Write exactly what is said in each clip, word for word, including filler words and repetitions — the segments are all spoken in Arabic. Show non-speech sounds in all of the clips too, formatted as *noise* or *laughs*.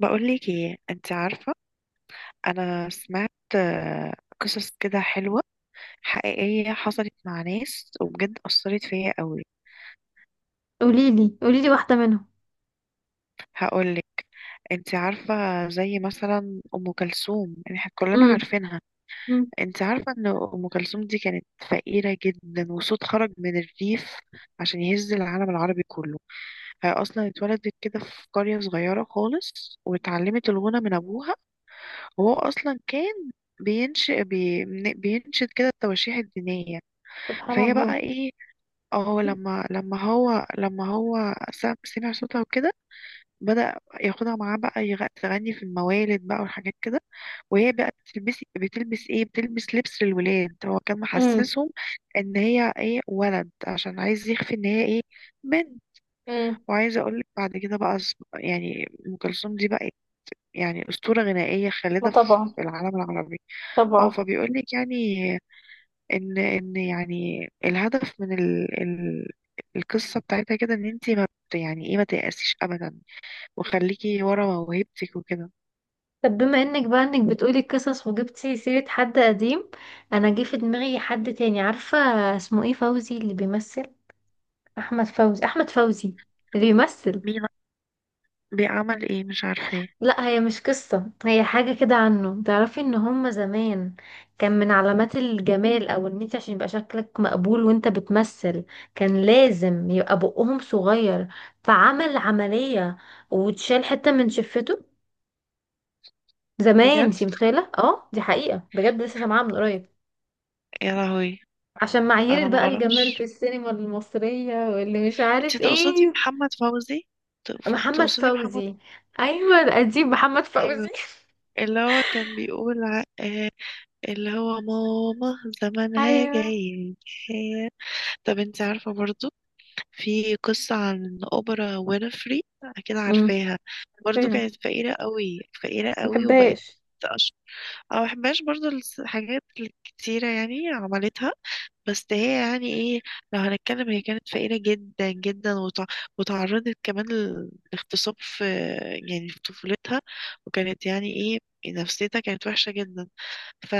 بقولك ايه، انت عارفة. انا سمعت آه، قصص كده حلوة، حقيقية، حصلت مع ناس، وبجد أثرت فيا قوي. قوليلي قوليلي واحدة منهم. هقولك. انت عارفة، زي مثلا أم كلثوم، يعني احنا كلنا امم. عارفينها. امم. انت عارفة ان أم كلثوم دي كانت فقيرة جدا، وصوت خرج من الريف عشان يهز العالم العربي كله. هي أصلا اتولدت كده في قرية صغيرة خالص، واتعلمت الغنى من أبوها. هو اصلا كان بينشئ بي من- بينشد كده التواشيح الدينيه. سبحان فهي الله. بقى ايه، اه لما لما هو لما هو سم- سمع صوتها وكده بدأ ياخدها معاه بقى يغ- تغني في الموالد بقى والحاجات كده. وهي بقى بتلبس بتلبس ايه بتلبس لبس للولاد. هو كان امم. محسسهم ان هي ايه، ولد، عشان عايز يخفي ان هي ايه، بنت. امم. وعايزه اقول لك بعد كده بقى أص- يعني ام كلثوم دي بقى يعني اسطوره غنائيه ما خالده طبعا، في العالم العربي. اه طبعا. فبيقولك يعني ان ان يعني الهدف من ال ال القصة بتاعتها كده، ان انتي ما بت- يعني ايه، ما تيأسيش ابدا، وخليكي ورا موهبتك وكده. طب بما انك بقى انك بتقولي القصص وجبتي سيرة حد قديم، انا جه في دماغي حد تاني، عارفة؟ اسمه ايه؟ فوزي اللي بيمثل. احمد فوزي، احمد فوزي اللي بيمثل. مين؟ بيعمل ايه؟ مش عارفة ايه. لا هي مش قصة، هي حاجة كده عنه. تعرفي ان هما زمان كان من علامات الجمال او ان انت عشان يبقى شكلك مقبول وانت بتمثل كان لازم يبقى بقهم صغير. فعمل عملية وتشال حتة من شفته زمان. بجد؟ انتي متخيلة؟ اه دي حقيقة بجد، لسه سامعاها من قريب. يا لهوي. عشان معايير انا ما بقى الجمال في اعرفش. السينما المصرية واللي مش انت عارف تقصدي ايه. محمد فوزي؟ تقف- محمد تقصدي محمد؟ فوزي. ايوه القديم، محمد ايوه. فوزي. اللي هو كان بيقول ع- آه، اللي هو ماما *laughs* زمانها ايوه. جاي. طب انت عارفة برضو، في قصة عن أوبرا وينفري أكيد امم. عارفاها. برضو فيلم، كانت فقيرة قوي، فقيرة قوي، وبقت مبحبهاش. أشهر. أنا مبحبهاش برضو. الس- الحاجات الكتيرة يعني عملتها، بس هي يعني إيه، لو هنتكلم، هي كانت فقيرة جدا جدا، وتع- وتعرضت كمان لل- للاغتصاب في يعني في طفولتها، وكانت يعني إيه، نفسيتها كانت وحشة جدا. ف،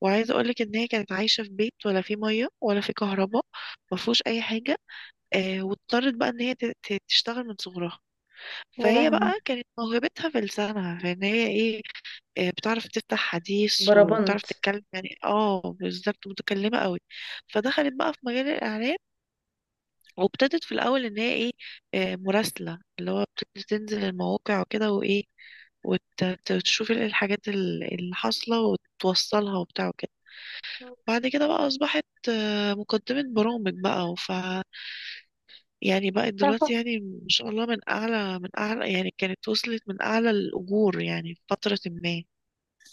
وعايزة أقولك إن هي كانت عايشة في بيت ولا في مية ولا في كهرباء، مفهوش أي حاجة. آه، واضطرت بقى ان هي ت- ت- تشتغل من صغرها. يا فهي لهوي. بقى كانت موهبتها في لسانها، فان هي ايه، آه بتعرف تفتح حديث، وبتعرف بربنت. تتكلم، يعني اه بالظبط متكلمة قوي. فدخلت بقى في مجال الاعلام، وابتدت في الاول ان هي ايه، آه مراسلة، اللي هو بتنزل تنزل المواقع وكده وايه، وتشوف الحاجات ال- اللي حاصلة وتوصلها وبتاع وكده. بعد كده بقى أصبحت آه، مقدمة برامج بقى. يعني بقت دلوقتي تعرف- يعني ما شاء الله، من اعلى من اعلى، يعني كانت وصلت من اعلى الاجور يعني في فترة ما.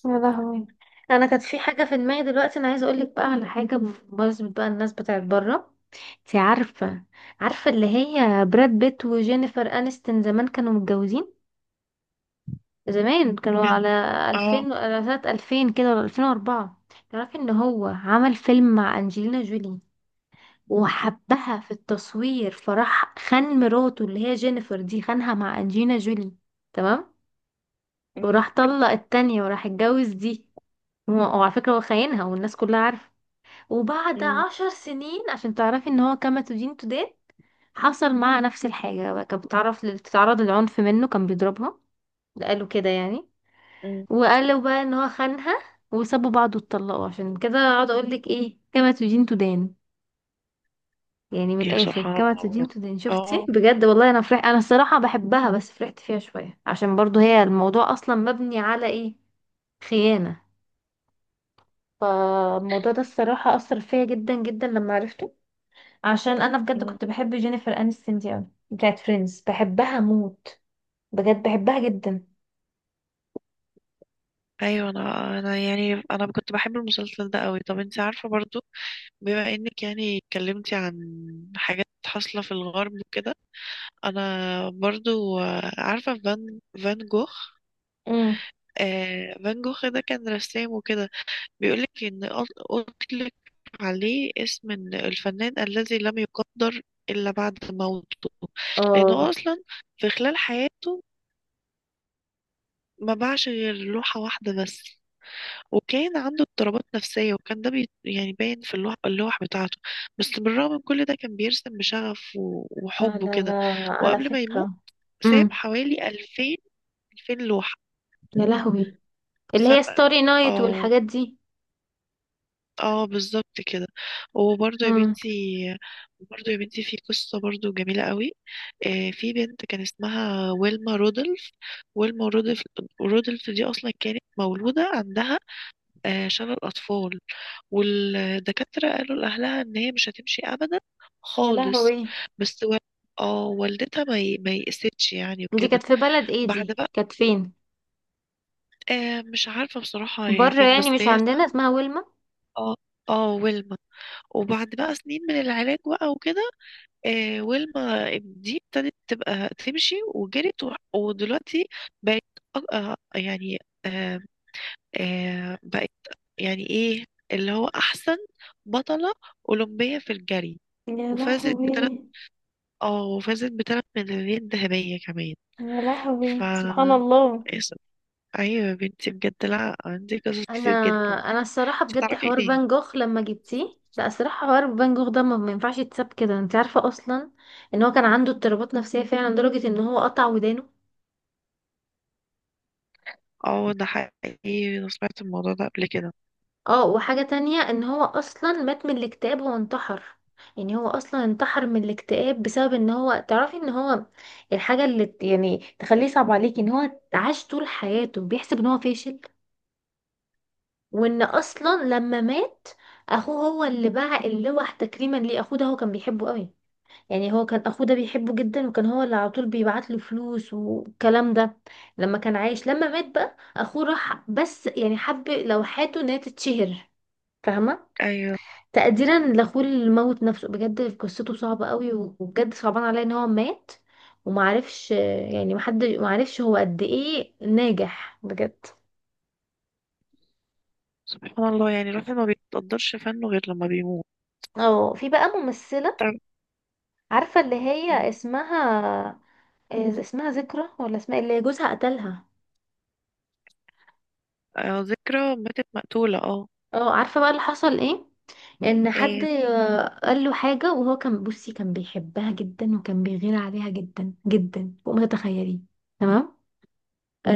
يا لهوي، انا كانت في حاجه في دماغي دلوقتي، انا عايزه اقول لك بقى على حاجه بمناسبه بقى الناس بتاعت بره. انت عارفه؟ عارفه اللي هي براد بيت وجينيفر انستون زمان كانوا متجوزين؟ زمان كانوا مم. كان. على اه. ألفين، على سنه ألفين كده ولا ألفين واربعة. تعرفي ان هو عمل فيلم مع انجلينا جولي وحبها في التصوير، فراح خان مراته اللي هي جينيفر دي، خانها مع انجلينا جولي. تمام؟ مم. وراح طلق التانية وراح اتجوز دي. هو- وعلى فكرة هو خاينها والناس كلها عارفة. وبعد مم. عشر سنين، عشان تعرفي ان هو كما تدين تدان، حصل معاها نفس الحاجة بقى. كانت بتعرف بتتعرض للعنف منه، كان بيضربها. قالوا كده يعني. مم. وقالوا بقى ان هو خانها، وسابوا بعض واتطلقوا. عشان كده اقعد اقول لك ايه، كما تدين تدان. يعني من يا الاخر سبحان كما الله تدين بجد. تدان. شفتي اه. بجد؟ والله انا فرح، انا الصراحة بحبها، بس فرحت فيها شوية عشان برضو هي الموضوع اصلا مبني على ايه؟ خيانة. فالموضوع ده الصراحة أثر فيا جدا جدا لما عرفته، عشان أنا بجد مم. كنت بحب جينيفر أنستون دي أوي، بتاعت فريندز، بحبها موت. بجد بحبها جدا. ايوه. انا انا يعني انا كنت بحب المسلسل ده قوي. طب انت عارفه برضو، بما انك يعني اتكلمتي عن حاجات حاصله في الغرب وكده. انا برضو آه، عارفه فان فان جوخ. امم. آه فان جوخ ده كان رسام وكده. بيقولك إن أط- أطلق عليه اسم إن الفنان الذي لم يقدر إلا بعد موته. لأنه هو اه. أصلا في خلال حياته ما باعش غير لوحة واحدة بس. وكان عنده اضطرابات نفسية، وكان ده بي يعني باين في اللوح, اللوح بتاعته. بس بالرغم من كل ده، كان بيرسم بشغف، و- لا وحب لا وكده. لا على وقبل ما يموت، فكرة. ساب امم. حوالي ألفين ألفين لوحة. يا لهوي، اللي ساب. هي ستوري نايت اه. والحاجات دي. اه بالظبط كده. وبرضه يا امم. بنتي، برضه يا بنتي، في قصة برضه جميلة قوي. آه، في بنت كان اسمها ويلما رودولف. ويلما رودولف رودولف دي أصلا كانت مولودة عندها آه، شلل أطفال. والدكاترة قالوا لأهلها إن هي مش هتمشي أبدا يا خالص. لهوي. بس و... اه والدتها ما ي- ما يئستش يعني دي وكده. كانت في بلد ايه؟ بعد دي بقى، كانت فين؟ آه مش عارفة بصراحة هي بره فين، بس يعني مش هي عندنا، اسمها، اسمها ويلما. اه، اه ويلما. وبعد بقى سنين من العلاج بقى وكده، آه، ويلما دي ابتدت تبقى تمشي وجرت و- ودلوقتي بقت أ- آه، يعني آه، آه، بقت يعني ايه اللي هو احسن بطلة اولمبية في الجري. يا وفازت بثلاث، لهوي. اه وفازت بثلاث ميداليات ذهبية كمان. يا ف، لهوي، سبحان الله. اس- ايوه يا بنتي بجد، لا عندي قصص انا، كتير جدا. انا الصراحه انت بجد تعرفي ايه حوار تاني؟ فان جوخ لما جبتيه، لا الصراحه حوار فان جوخ ده ما ما ينفعش يتساب كده، انت عارفه اصلا ان هو كان عنده اضطرابات نفسيه فعلا لدرجه ان هو قطع ودانه. اه ده حقيقي، انا سمعت الموضوع ده قبل كده. اه. وحاجه تانية، ان هو اصلا مات من الاكتئاب، هو انتحر. يعني هو اصلا انتحر من الاكتئاب بسبب ان هو، تعرفي ان هو الحاجه اللي ت- يعني تخليه صعب عليكي ان هو عاش طول حياته بيحسب ان هو فاشل. وان اصلا لما مات، اخوه هو اللي باع اللوح تكريما ليه. اخوه ده هو كان بيحبه قوي، يعني هو كان اخوه ده بيحبه جدا، وكان هو اللي على طول بيبعت له فلوس والكلام ده لما كان عايش. لما مات بقى اخوه راح بس يعني حب لوحاته ان هي تتشهر. فاهمه؟ ايوه. تقديرا لاخوه اللي موت نفسه. بجد قصته صعبه قوي، وبجد صعبان عليا ان هو مات ومعرفش، يعني محد معرفش هو قد ايه ناجح بجد. سبحان الله، يعني الواحد ما بيتقدرش فنه غير لما بيموت. اه، في بقى ممثله، عارفه اللي هي مم. اسمها إيه، اسمها ذكرى ولا اسمها إيه؟ اللي جوزها قتلها. آه، ذكرى ماتت مقتولة. اه. اه، عارفه بقى اللي حصل ايه؟ ان حد ايه. قال له حاجه، وهو كان بصي كان بيحبها جدا وكان بيغير عليها جدا جدا فوق ما تتخيلي. تمام؟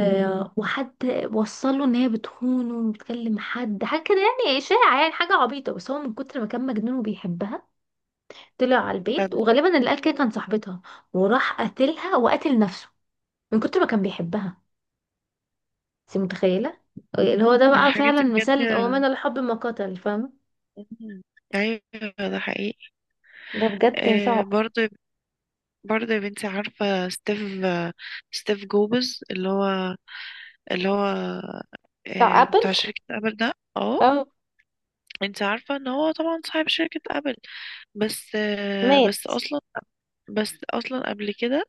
مم. وحد وصل له ان هي بتخونه وبتكلم حد، حاجه كده يعني، اشاعه، يعني حاجه عبيطه. بس هو من كتر ما كان مجنون وبيحبها طلع على صدق. البيت، وغالبا اللي قال كده كان صاحبتها، وراح قتلها وقتل نفسه من كتر ما كان بيحبها. انت متخيله؟ اللي هو ده بقى الحاجات فعلا دي مثال، ومن بجد. الحب ما قتل. فاهمه؟ مم. ايوه. ده حقيقي. ده بجد آه صعب. برضه، برضه يا بنتي، عارفة ستيف آه، ستيف جوبز، اللي هو اللي هو بتاع آه ابل. بتاع شركة ابل ده. اه. اه. انت عارفة ان هو طبعا صاحب شركة ابل. بس آه بس مات. اصلا بس اصلا قبل كده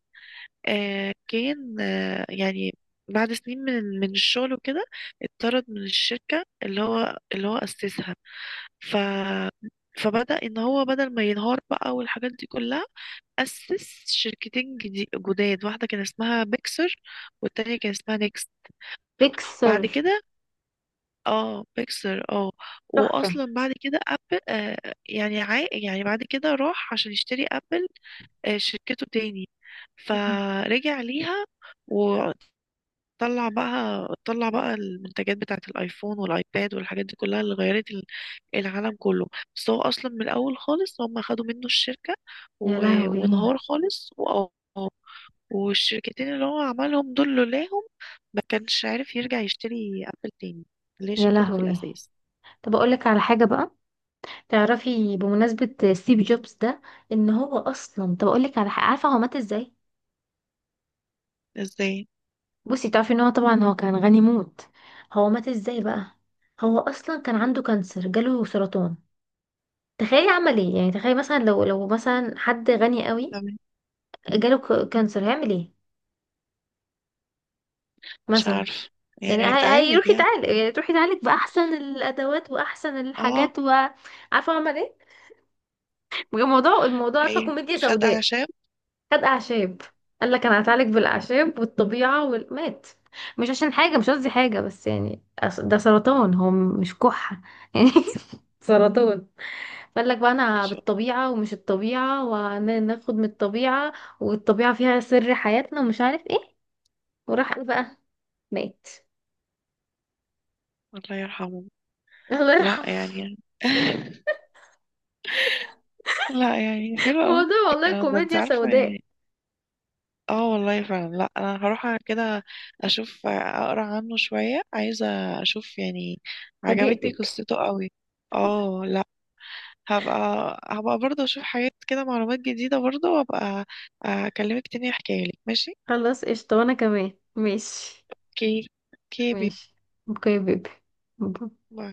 آه، كان آه، يعني بعد سنين من من الشغل وكده، اتطرد من الشركة اللي هو اللي هو أسسها. ف، فبدأ إن هو بدل ما ينهار بقى والحاجات دي كلها، أسس شركتين جدي- جداد. واحدة كان اسمها بيكسر، والتانية كان اسمها نيكس. بعد بيكسر. كده اه بيكسر اه. وأصلا بعد كده أبل آه يعني عا يعني بعد كده راح عشان يشتري أبل آه شركته تاني، مم. فرجع ليها. طلع بقى، طلع بقى المنتجات بتاعة الايفون والايباد والحاجات دي كلها اللي غيرت ال- العالم كله. بس هو اصلا من الاول خالص هم خدوا منه الشركة يا و- لهوي. وانهار خالص وأ- والشركتين اللي هو عملهم دول لولاهم، ما كانش عارف يرجع يشتري ابل تاني، اللي هي يا شركته في لهوي، الاساس. طب اقول لك على حاجه بقى، تعرفي بمناسبه ستيف مم. جوبز ده ان هو اصلا، طب اقول لك على حاجه، عارفه هو مات ازاي؟ ازاي؟ بصي، تعرفي ان هو طبعا هو كان غني موت. هو مات ازاي بقى؟ هو اصلا كان عنده كانسر، جاله سرطان. تخيلي عمل ايه، يعني تخيلي مثلا لو، لو مثلا حد غني قوي تمام. جاله ك- كانسر، هيعمل ايه مش مثلا؟ عارف، يعني يعني هي- هيتعالج هيروح يعني. يتعالج، يعني تروح يتعالج باحسن الادوات واحسن اه. الحاجات. وعارفه هو عمل ايه؟ الموضوع، الموضوع عارفة ايه. كوميديا خد سوداء. اعشاب. خد أعشاب. قال لك أنا هتعالج بالأعشاب والطبيعة والمات. مش عشان حاجة، مش قصدي حاجة، بس يعني أص- ده سرطان، هو م- مش كحة *laughs* يعني. سرطان. قال لك بقى أنا مش- بالطبيعة ومش الطبيعة، وناخد من الطبيعة والطبيعة فيها سر حياتنا ومش عارف ايه. وراح قال بقى، مات. الله يرحمه. الله لا يرحمه. *laughs* يعني *laughs* لا يعني حلو قوي موضوع والله الكلام ده. انت كوميديا عارفة سوداء. يعني، اه والله فعلا، لا انا هروح كده اشوف، اقرا عنه شوية، عايزة اشوف يعني، عجبتني فاجئتك. قصته قوي. اه. لا. هبقى هبقى برضه اشوف حاجات كده، معلومات جديدة برضه، وابقى اكلمك تاني احكيها لك. ماشي. خلاص قشطة، وأنا كمان ماشي. اوكي. اوكي بيبي. ماشي. اوكي يا بيبي. باي.